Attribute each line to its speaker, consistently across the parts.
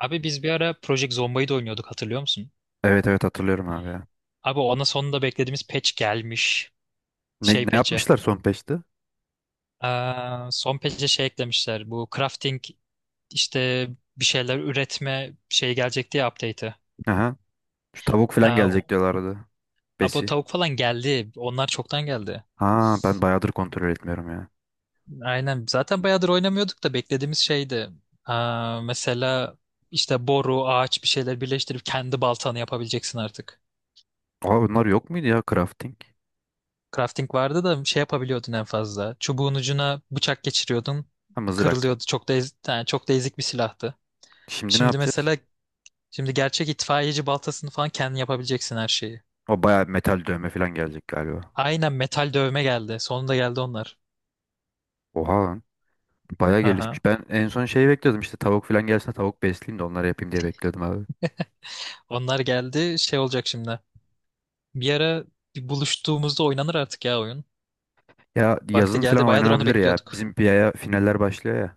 Speaker 1: Abi biz bir ara Project Zomba'yı da oynuyorduk, hatırlıyor musun?
Speaker 2: Evet evet hatırlıyorum abi ya.
Speaker 1: Abi ona sonunda beklediğimiz patch gelmiş.
Speaker 2: Ne,
Speaker 1: Şey
Speaker 2: ne
Speaker 1: patch'e.
Speaker 2: yapmışlar son peşte?
Speaker 1: Son patch'e şey eklemişler. Bu crafting işte bir şeyler üretme şey gelecekti ya update'i.
Speaker 2: Aha. Şu tavuk falan
Speaker 1: Aa, o-
Speaker 2: gelecek diyorlardı.
Speaker 1: Abi o
Speaker 2: Besi.
Speaker 1: tavuk falan geldi. Onlar çoktan geldi.
Speaker 2: Ha ben bayağıdır kontrol etmiyorum ya.
Speaker 1: Aynen. Zaten bayağıdır oynamıyorduk da beklediğimiz şeydi. Mesela işte boru, ağaç bir şeyler birleştirip kendi baltanı yapabileceksin artık.
Speaker 2: Aa, bunlar yok muydu ya crafting?
Speaker 1: Crafting vardı da şey yapabiliyordun en fazla. Çubuğun ucuna bıçak geçiriyordun.
Speaker 2: Ha, mızrak.
Speaker 1: Kırılıyordu. Yani çok da ezik bir silahtı.
Speaker 2: Şimdi ne
Speaker 1: Şimdi
Speaker 2: yapacağız?
Speaker 1: mesela, şimdi gerçek itfaiyeci baltasını falan kendin yapabileceksin, her şeyi.
Speaker 2: O bayağı metal dövme falan gelecek galiba.
Speaker 1: Aynen metal dövme geldi. Sonunda geldi onlar.
Speaker 2: Oha lan. Bayağı
Speaker 1: Aha.
Speaker 2: gelişmiş. Ben en son şey bekliyordum, işte tavuk falan gelsin de tavuk besleyeyim de onları yapayım diye bekliyordum abi.
Speaker 1: Onlar geldi. Şey olacak şimdi. Bir ara, bir buluştuğumuzda oynanır artık ya oyun.
Speaker 2: Ya
Speaker 1: Vakti
Speaker 2: yazın falan
Speaker 1: geldi. Bayağıdır onu
Speaker 2: oynanabilir ya.
Speaker 1: bekliyorduk.
Speaker 2: Bizim bir aya finaller başlıyor ya.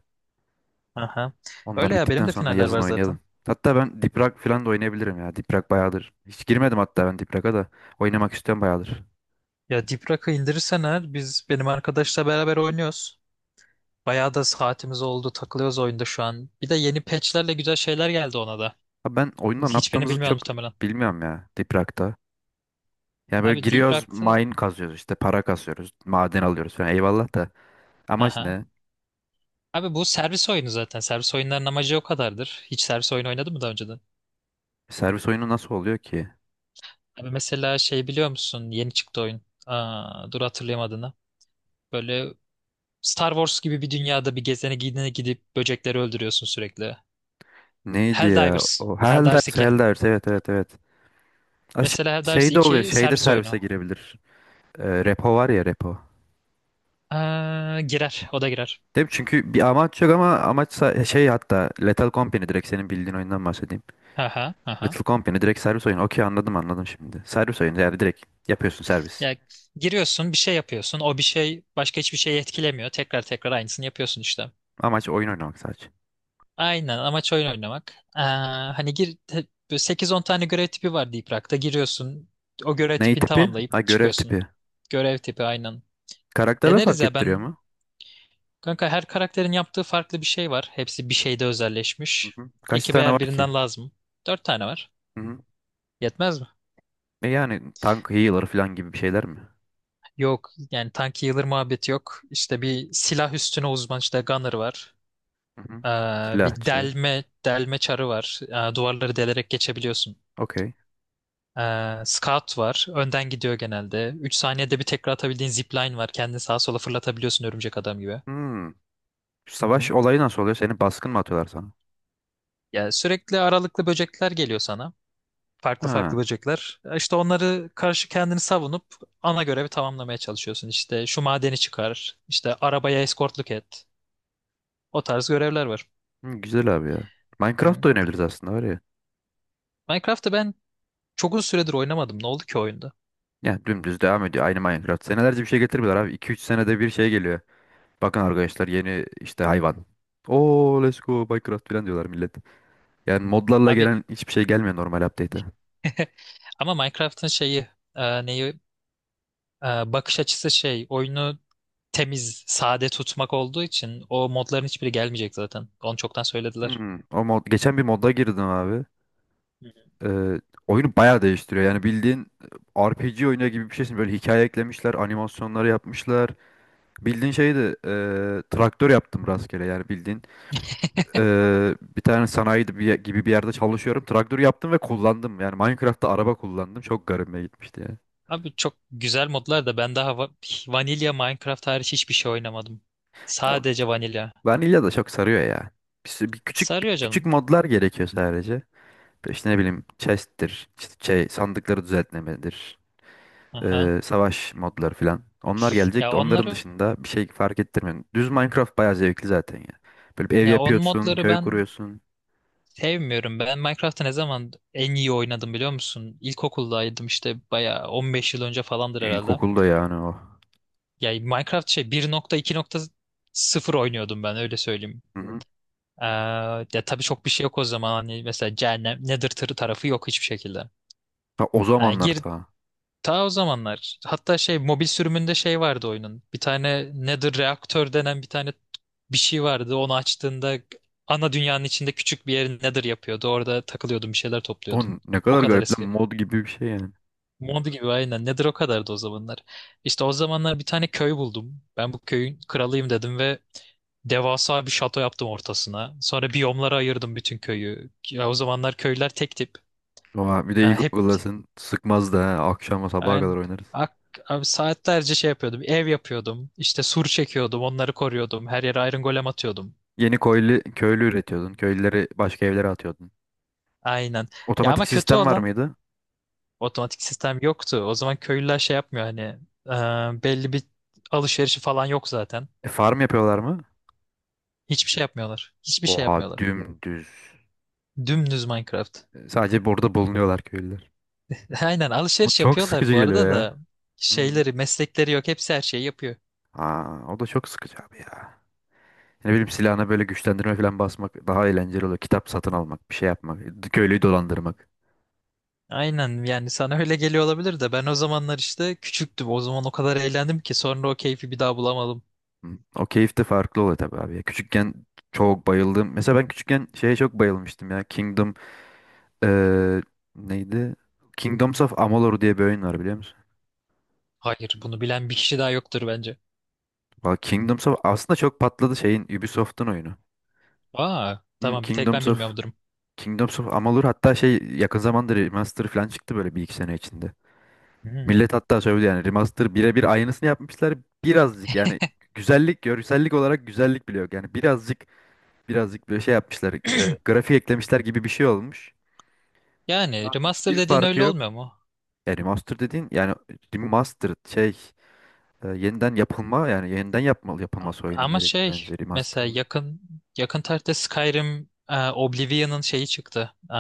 Speaker 1: Aha.
Speaker 2: Onlar
Speaker 1: Öyle ya, benim
Speaker 2: bittikten
Speaker 1: de
Speaker 2: sonra
Speaker 1: finaller
Speaker 2: yazın
Speaker 1: var
Speaker 2: oynayalım.
Speaker 1: zaten.
Speaker 2: Hatta ben Diprak falan da oynayabilirim ya. Diprak bayağıdır. Hiç girmedim hatta ben Diprak'a da. Oynamak istiyorum bayağıdır.
Speaker 1: Ya Deep Rock'ı indirirsen eğer, biz benim arkadaşla beraber oynuyoruz. Bayağı da saatimiz oldu. Takılıyoruz oyunda şu an. Bir de yeni patchlerle güzel şeyler geldi ona da.
Speaker 2: Abi ben oyunda ne
Speaker 1: Hiçbirini
Speaker 2: yaptığımızı
Speaker 1: bilmiyorum
Speaker 2: çok
Speaker 1: muhtemelen.
Speaker 2: bilmiyorum ya Diprak'ta. Yani böyle
Speaker 1: Abi Deep
Speaker 2: giriyoruz,
Speaker 1: Rock'tı.
Speaker 2: mine kazıyoruz, işte para kasıyoruz, maden alıyoruz falan. Eyvallah da. Amaç
Speaker 1: Aha.
Speaker 2: ne?
Speaker 1: Abi bu servis oyunu zaten. Servis oyunların amacı o kadardır. Hiç servis oyunu oynadın mı daha önceden?
Speaker 2: Servis oyunu nasıl oluyor ki?
Speaker 1: Abi mesela şey biliyor musun? Yeni çıktı oyun. Dur hatırlayayım adını. Böyle Star Wars gibi bir dünyada bir gezene gidene gidip böcekleri öldürüyorsun sürekli.
Speaker 2: Neydi ya?
Speaker 1: Helldivers.
Speaker 2: O
Speaker 1: Helldivers
Speaker 2: Helldivers,
Speaker 1: iki
Speaker 2: Helldivers. Evet evet evet. Ha.
Speaker 1: Mesela Helldivers
Speaker 2: Şey de oluyor.
Speaker 1: iki
Speaker 2: Şeyde
Speaker 1: servis
Speaker 2: servise
Speaker 1: oyunu.
Speaker 2: girebilir. Repo var ya repo.
Speaker 1: Girer. O da girer.
Speaker 2: Değil çünkü bir amaç yok, ama amaçsa şey, hatta Lethal Company, direkt senin bildiğin oyundan bahsedeyim.
Speaker 1: Aha, aha.
Speaker 2: Lethal Company direkt servis oyunu. Okey, anladım anladım şimdi. Servis oyunu, yani direkt yapıyorsun servis.
Speaker 1: Ya giriyorsun, bir şey yapıyorsun. O bir şey başka hiçbir şeyi etkilemiyor. Tekrar tekrar aynısını yapıyorsun işte.
Speaker 2: Amaç oyun oynamak sadece.
Speaker 1: Aynen, amaç oyun oynamak. Hani böyle 8-10 tane görev tipi var Deep Rock'ta. Giriyorsun, o görev
Speaker 2: Ney
Speaker 1: tipini
Speaker 2: tipi?
Speaker 1: tamamlayıp
Speaker 2: Ha, görev
Speaker 1: çıkıyorsun.
Speaker 2: tipi.
Speaker 1: Görev tipi aynen.
Speaker 2: Karakterler
Speaker 1: Deneriz
Speaker 2: fark
Speaker 1: ya
Speaker 2: ettiriyor
Speaker 1: ben,
Speaker 2: mu?
Speaker 1: kanka, her karakterin yaptığı farklı bir şey var. Hepsi bir şeyde
Speaker 2: Hı
Speaker 1: özelleşmiş.
Speaker 2: hı. Kaç
Speaker 1: Ekibe
Speaker 2: tane var
Speaker 1: her
Speaker 2: ki?
Speaker 1: birinden lazım. 4 tane var.
Speaker 2: Hı hı.
Speaker 1: Yetmez mi?
Speaker 2: E yani tank, healer falan gibi bir şeyler mi?
Speaker 1: Yok yani, tank healer muhabbeti yok. İşte bir silah üstüne uzman, işte gunner var.
Speaker 2: Hı hı.
Speaker 1: Ee, Bir
Speaker 2: Silahçı.
Speaker 1: delme çarı var. Duvarları delerek geçebiliyorsun.
Speaker 2: Okey.
Speaker 1: Scout var. Önden gidiyor genelde. 3 saniyede bir tekrar atabildiğin zipline var. Kendini sağa sola fırlatabiliyorsun, örümcek adam gibi.
Speaker 2: Hmm.
Speaker 1: Hı
Speaker 2: Savaş
Speaker 1: hı.
Speaker 2: olayı nasıl oluyor? Seni baskın mı atıyorlar sana?
Speaker 1: Ya sürekli aralıklı böcekler geliyor sana. Farklı farklı
Speaker 2: Ha.
Speaker 1: böcekler. İşte onları karşı kendini savunup ana görevi tamamlamaya çalışıyorsun. İşte şu madeni çıkar, işte arabaya eskortluk et. O tarz görevler var.
Speaker 2: Hı, güzel abi ya. Minecraft
Speaker 1: Hı.
Speaker 2: da oynayabiliriz aslında var ya.
Speaker 1: Minecraft'ı ben çok uzun süredir oynamadım. Ne oldu ki oyunda?
Speaker 2: Ya dümdüz devam ediyor. Aynı Minecraft. Senelerce bir şey getirmiyorlar abi. 2-3 senede bir şey geliyor. Bakın arkadaşlar, yeni işte hayvan. Oo let's go Minecraft falan diyorlar millet. Yani modlarla
Speaker 1: Abi.
Speaker 2: gelen hiçbir şey gelmiyor normal update'e.
Speaker 1: Ama Minecraft'ın şeyi, e, neyi e, bakış açısı şey oyunu temiz, sade tutmak olduğu için, o modların hiçbiri gelmeyecek zaten. Onu çoktan söylediler.
Speaker 2: Hmm. O mod, geçen bir modda girdim abi.
Speaker 1: Hı hı.
Speaker 2: Ee, Oyunu bayağı değiştiriyor. Yani bildiğin RPG oyunu gibi bir şeysin. Böyle hikaye eklemişler, animasyonları yapmışlar. Bildiğin şeydi, traktör yaptım rastgele. Yani bildiğin bir tane sanayi de bir gibi bir yerde çalışıyorum. Traktör yaptım ve kullandım. Yani Minecraft'ta araba kullandım. Çok garibime gitmişti ya.
Speaker 1: Abi çok güzel modlar da, ben daha vanilya Minecraft hariç hiçbir şey oynamadım.
Speaker 2: Ya
Speaker 1: Sadece vanilya.
Speaker 2: vanilya da çok sarıyor ya. Bir, sü- bir küçük bir
Speaker 1: Sarıyor
Speaker 2: küçük
Speaker 1: canım.
Speaker 2: modlar gerekiyor sadece. İşte ne bileyim chest'tir, işte şey sandıkları düzeltmemedir,
Speaker 1: Aha.
Speaker 2: savaş modları falan. Onlar gelecek
Speaker 1: Ya
Speaker 2: de onların
Speaker 1: onları
Speaker 2: dışında bir şey fark ettirmiyor. Düz Minecraft bayağı zevkli zaten ya. Böyle bir ev
Speaker 1: Ya on
Speaker 2: yapıyorsun,
Speaker 1: modları
Speaker 2: köy
Speaker 1: ben
Speaker 2: kuruyorsun.
Speaker 1: sevmiyorum. Ben Minecraft'ı ne zaman en iyi oynadım biliyor musun? İlkokuldaydım işte, bayağı 15 yıl önce falandır herhalde.
Speaker 2: İlkokulda yani o.
Speaker 1: Ya Minecraft şey 1.2.0 oynuyordum, ben öyle söyleyeyim.
Speaker 2: Hı hı.
Speaker 1: Ee, Ya tabii çok bir şey yok o zaman, hani mesela cehennem Nether tırı tarafı yok hiçbir şekilde.
Speaker 2: Ha, o
Speaker 1: Yani
Speaker 2: zamanlar ta.
Speaker 1: ta o zamanlar. Hatta şey mobil sürümünde şey vardı oyunun. Bir tane Nether reaktör denen bir şey vardı. Onu açtığında ana dünyanın içinde küçük bir yer Nether yapıyordu. Orada takılıyordun, bir şeyler
Speaker 2: On
Speaker 1: topluyordun.
Speaker 2: ne
Speaker 1: O
Speaker 2: kadar
Speaker 1: kadar
Speaker 2: garip lan,
Speaker 1: eski.
Speaker 2: mod gibi bir şey yani.
Speaker 1: Mod gibi aynen. Nedir, o kadardı o zamanlar. İşte o zamanlar bir tane köy buldum. Ben bu köyün kralıyım dedim ve devasa bir şato yaptım ortasına. Sonra biyomlara ayırdım bütün köyü. Ya, o zamanlar köyler tek tip.
Speaker 2: Oha, bir de
Speaker 1: Ha,
Speaker 2: iyi Google'lasın sıkmaz da ha. Akşama sabaha kadar
Speaker 1: yani
Speaker 2: oynarız.
Speaker 1: ak, abi saatlerce şey yapıyordum. Ev yapıyordum. İşte sur çekiyordum. Onları koruyordum. Her yere iron golem atıyordum.
Speaker 2: Yeni köylü, köylü üretiyordun. Köylüleri başka evlere atıyordun.
Speaker 1: Aynen. Ya ama
Speaker 2: Otomatik
Speaker 1: kötü
Speaker 2: sistem var
Speaker 1: olan,
Speaker 2: mıydı?
Speaker 1: otomatik sistem yoktu. O zaman köylüler şey yapmıyor, hani belli bir alışverişi falan yok zaten.
Speaker 2: Farm yapıyorlar mı?
Speaker 1: Hiçbir şey yapmıyorlar. Hiçbir şey
Speaker 2: Oha
Speaker 1: yapmıyorlar.
Speaker 2: dümdüz.
Speaker 1: Dümdüz Minecraft.
Speaker 2: Sadece burada bulunuyorlar köylüler.
Speaker 1: Aynen
Speaker 2: O
Speaker 1: alışveriş
Speaker 2: çok
Speaker 1: yapıyorlar
Speaker 2: sıkıcı
Speaker 1: bu arada
Speaker 2: geliyor
Speaker 1: da
Speaker 2: ya. Hı.
Speaker 1: şeyleri, meslekleri yok. Hepsi her şeyi yapıyor.
Speaker 2: Aa, o da çok sıkıcı abi ya. Ne bileyim, silahına böyle güçlendirme falan basmak daha eğlenceli oluyor. Kitap satın almak, bir şey yapmak, köylüyü dolandırmak.
Speaker 1: Aynen, yani sana öyle geliyor olabilir de, ben o zamanlar işte küçüktüm. O zaman o kadar eğlendim ki sonra o keyfi bir daha bulamadım.
Speaker 2: Hı. O keyif de farklı oluyor tabii abi ya. Küçükken çok bayıldım. Mesela ben küçükken şeye çok bayılmıştım ya. Kingdom eee, neydi? Kingdoms of Amalur diye bir oyun var, biliyor musun?
Speaker 1: Hayır, bunu bilen bir kişi daha yoktur bence.
Speaker 2: Valla Kingdoms of aslında çok patladı, şeyin Ubisoft'un oyunu. Hı,
Speaker 1: Tamam, bir tek ben
Speaker 2: Kingdoms of
Speaker 1: bilmiyorum durum.
Speaker 2: Kingdoms of Amalur, hatta şey yakın zamanda remaster falan çıktı, böyle bir iki sene içinde.
Speaker 1: Hmm.
Speaker 2: Millet hatta söyledi, yani remaster birebir aynısını yapmışlar. Birazcık yani güzellik, görsellik olarak güzellik bile yok. Yani birazcık birazcık böyle şey yapmışlar. Grafik eklemişler gibi bir şey olmuş.
Speaker 1: Yani
Speaker 2: Aslında
Speaker 1: remaster
Speaker 2: hiçbir
Speaker 1: dediğin
Speaker 2: farkı
Speaker 1: öyle
Speaker 2: yok.
Speaker 1: olmuyor mu?
Speaker 2: Yani remaster dediğin, yani remastered şey, yeniden yapılma, yani yeniden yapılması oyunun
Speaker 1: Ama
Speaker 2: gerekir
Speaker 1: şey
Speaker 2: bence
Speaker 1: mesela
Speaker 2: remaster'da.
Speaker 1: yakın tarihte Skyrim, Oblivion'ın şeyi çıktı.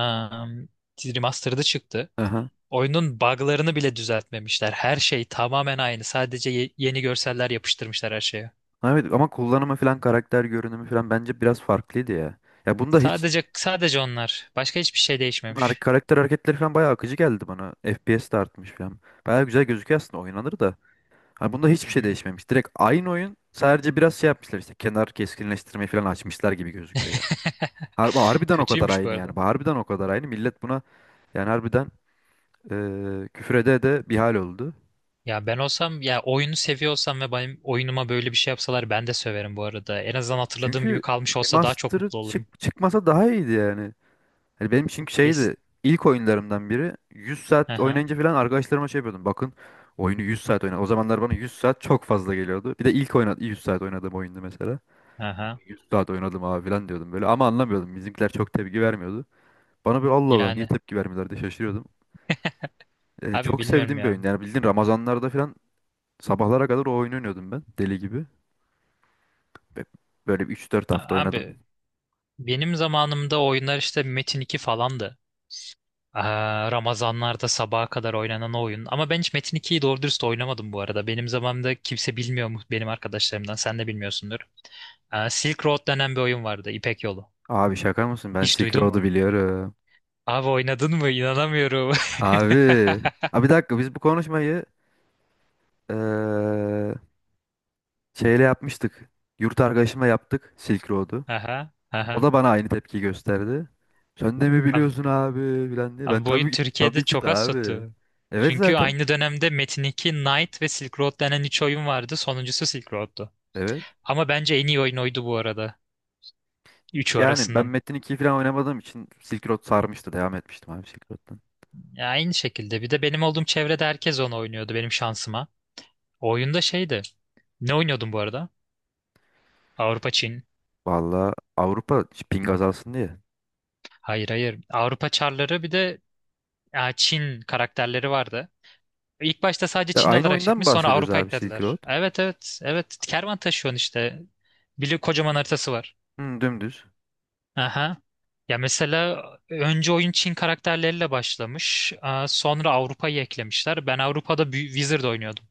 Speaker 1: Remastered'ı çıktı.
Speaker 2: Aha.
Speaker 1: Oyunun bug'larını bile düzeltmemişler. Her şey tamamen aynı. Sadece yeni görseller yapıştırmışlar her şeye.
Speaker 2: Evet, ama kullanımı falan, karakter görünümü falan bence biraz farklıydı ya. Ya bunda hiç
Speaker 1: Sadece onlar. Başka hiçbir şey değişmemiş.
Speaker 2: karakter hareketleri falan bayağı akıcı geldi bana. FPS de artmış falan. Bayağı güzel gözüküyor, aslında oynanır da. Hani bunda
Speaker 1: Hı
Speaker 2: hiçbir şey
Speaker 1: hı.
Speaker 2: değişmemiş. Direkt aynı oyun, sadece biraz şey yapmışlar, işte kenar keskinleştirmeyi falan açmışlar gibi gözüküyor yani. Harbiden o kadar
Speaker 1: Kötüymüş bu
Speaker 2: aynı yani.
Speaker 1: arada.
Speaker 2: Harbiden o kadar aynı. Millet buna yani harbiden küfrede de bir hal oldu.
Speaker 1: Ya ben olsam, ya oyunu seviyor olsam ve benim oyunuma böyle bir şey yapsalar, ben de söverim bu arada. En azından hatırladığım gibi
Speaker 2: Çünkü
Speaker 1: kalmış olsa daha çok
Speaker 2: remaster'ı
Speaker 1: mutlu olurum.
Speaker 2: çıkmasa daha iyiydi yani. Hani benim çünkü
Speaker 1: Yes.
Speaker 2: şeydi, ilk oyunlarımdan biri. 100 saat
Speaker 1: Aha.
Speaker 2: oynayınca falan arkadaşlarıma şey yapıyordum. Bakın, oyunu 100 saat oynadım. O zamanlar bana 100 saat çok fazla geliyordu. Bir de ilk oynadım 100 saat oynadığım oyundu mesela.
Speaker 1: Aha.
Speaker 2: 100 saat oynadım abi falan diyordum böyle, ama anlamıyordum. Bizimkiler çok tepki vermiyordu. Bana böyle Allah Allah niye
Speaker 1: Yani
Speaker 2: tepki vermiyorlar diye şaşırıyordum.
Speaker 1: abi
Speaker 2: Çok
Speaker 1: bilmiyorum
Speaker 2: sevdiğim bir
Speaker 1: ya.
Speaker 2: oyun. Yani bildiğin Ramazanlarda falan sabahlara kadar o oyunu oynuyordum ben, deli gibi. Ve böyle bir 3-4 hafta oynadım.
Speaker 1: Abi benim zamanımda oyunlar işte Metin 2 falandı. Ramazanlarda sabaha kadar oynanan oyun. Ama ben hiç Metin 2'yi doğru dürüst oynamadım bu arada. Benim zamanımda kimse bilmiyor mu benim arkadaşlarımdan. Sen de bilmiyorsundur. Silk Road denen bir oyun vardı. İpek Yolu.
Speaker 2: Abi şaka mısın? Ben
Speaker 1: Hiç
Speaker 2: Silk
Speaker 1: duydun
Speaker 2: Road'u
Speaker 1: mu?
Speaker 2: biliyorum.
Speaker 1: Abi oynadın mı? İnanamıyorum.
Speaker 2: Abi. Abi bir dakika, biz bu konuşmayı eee, şeyle yapmıştık. Yurt arkadaşımla yaptık Silk Road'u.
Speaker 1: Aha,
Speaker 2: O
Speaker 1: aha.
Speaker 2: da bana aynı tepki gösterdi. Sen de mi
Speaker 1: Abi,
Speaker 2: biliyorsun abi filan diye. Ben
Speaker 1: abi, bu oyun
Speaker 2: tabii ki,
Speaker 1: Türkiye'de
Speaker 2: tabii ki
Speaker 1: çok
Speaker 2: de
Speaker 1: az
Speaker 2: abi.
Speaker 1: tuttu.
Speaker 2: Evet
Speaker 1: Çünkü
Speaker 2: zaten.
Speaker 1: aynı dönemde Metin 2, Knight ve Silk Road denen üç oyun vardı. Sonuncusu Silk Road'tu.
Speaker 2: Evet.
Speaker 1: Ama bence en iyi oyun oydu bu arada. Üçü
Speaker 2: Yani ben
Speaker 1: arasından.
Speaker 2: Metin 2'yi falan oynamadığım için Silk Road sarmıştı. Devam etmiştim abi Silk Road'dan.
Speaker 1: Ya aynı şekilde. Bir de benim olduğum çevrede herkes onu oynuyordu benim şansıma. O oyunda şeydi. Ne oynuyordun bu arada? Avrupa Çin.
Speaker 2: Valla Avrupa ping azalsın diye.
Speaker 1: Hayır hayır. Avrupa Çarları, bir de Çin karakterleri vardı. İlk başta sadece
Speaker 2: Ya
Speaker 1: Çin
Speaker 2: aynı
Speaker 1: olarak
Speaker 2: oyundan mı
Speaker 1: çıkmış, sonra
Speaker 2: bahsediyoruz
Speaker 1: Avrupa
Speaker 2: abi, Silk Road?
Speaker 1: eklediler. Evet evet evet. Kervan taşıyorsun işte. Bir kocaman haritası var.
Speaker 2: Hı, dümdüz.
Speaker 1: Aha. Ya mesela önce oyun Çin karakterleriyle başlamış. Sonra Avrupa'yı eklemişler. Ben Avrupa'da bir Wizard oynuyordum.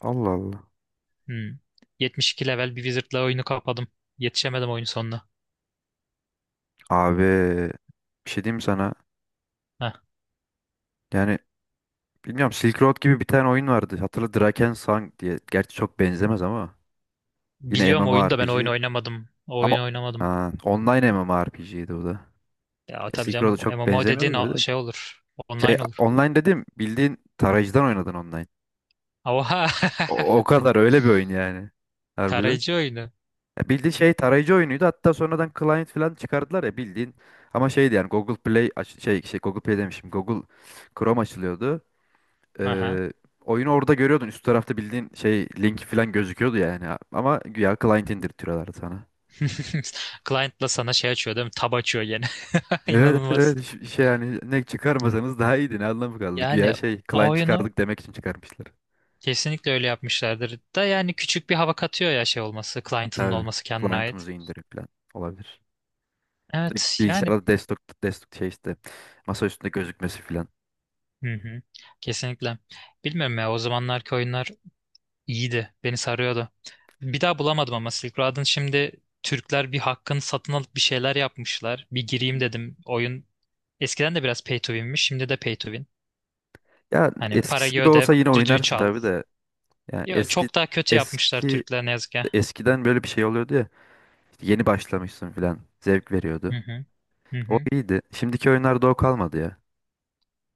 Speaker 2: Allah Allah.
Speaker 1: Hmm. 72 level bir wizard'la oyunu kapadım. Yetişemedim oyun sonuna.
Speaker 2: Abi bir şey diyeyim mi sana.
Speaker 1: Heh.
Speaker 2: Yani bilmiyorum, Silk Road gibi bir tane oyun vardı. Hatırla, Drakensang diye. Gerçi çok benzemez ama. Yine
Speaker 1: Biliyorum oyunu da ben oyun
Speaker 2: MMORPG.
Speaker 1: oynamadım. O
Speaker 2: Ama
Speaker 1: oyun oynamadım.
Speaker 2: online MMORPG'ydi bu da.
Speaker 1: Ya
Speaker 2: Ya
Speaker 1: tabii
Speaker 2: Silk
Speaker 1: canım,
Speaker 2: Road'a çok
Speaker 1: MMO dediğin
Speaker 2: benzemiyordu da bir de.
Speaker 1: şey olur.
Speaker 2: Şey
Speaker 1: Online olur.
Speaker 2: online dedim, bildiğin tarayıcıdan oynadın online.
Speaker 1: Oha!
Speaker 2: O kadar öyle bir oyun yani. Harbiden.
Speaker 1: Tarayıcı oyunu.
Speaker 2: Ya bildiğin şey tarayıcı oyunuydu. Hatta sonradan client falan çıkardılar ya bildiğin. Ama şeydi yani, Google Play aç- şey, şey Google Play demişim. Google Chrome açılıyordu.
Speaker 1: Aha.
Speaker 2: Ee, Oyunu orada görüyordun. Üst tarafta bildiğin şey linki falan gözüküyordu yani. Ama güya client indirtiyorlardı sana.
Speaker 1: Client'la sana şey açıyor değil mi? Tab açıyor gene.
Speaker 2: Evet
Speaker 1: İnanılmaz.
Speaker 2: evet, şey yani ne çıkarmasanız daha iyiydi, ne anlamı kaldı. Güya
Speaker 1: Yani
Speaker 2: şey,
Speaker 1: o
Speaker 2: client
Speaker 1: oyunu
Speaker 2: çıkardık demek için çıkarmışlar.
Speaker 1: kesinlikle öyle yapmışlardır. Da yani küçük bir hava katıyor ya şey olması. Client'ın
Speaker 2: Tabii
Speaker 1: olması kendine ait.
Speaker 2: client'ımızı indirip falan olabilir. Direkt
Speaker 1: Evet yani.
Speaker 2: bilgisayarda, desktop şey, işte masa üstünde gözükmesi falan.
Speaker 1: Hı hı. Kesinlikle. Bilmiyorum ya, o zamanlarki oyunlar İyiydi. Beni sarıyordu. Bir daha bulamadım ama Silk Road'un şimdi Türkler bir hakkını satın alıp bir şeyler yapmışlar. Bir gireyim dedim. Oyun eskiden de biraz pay to win'miş. Şimdi de pay to win.
Speaker 2: Ya
Speaker 1: Hani
Speaker 2: eskisi
Speaker 1: parayı
Speaker 2: gibi
Speaker 1: öde,
Speaker 2: olsa yine
Speaker 1: düdüğü
Speaker 2: oynarsın
Speaker 1: çal.
Speaker 2: tabii de. Yani
Speaker 1: Yo, çok daha kötü yapmışlar
Speaker 2: eski
Speaker 1: Türkler ne yazık ki.
Speaker 2: eskiden böyle bir şey oluyordu ya. İşte yeni başlamışsın falan, zevk
Speaker 1: Hı
Speaker 2: veriyordu.
Speaker 1: hı. Hı
Speaker 2: O
Speaker 1: hı.
Speaker 2: iyiydi. Şimdiki oyunlarda o kalmadı ya.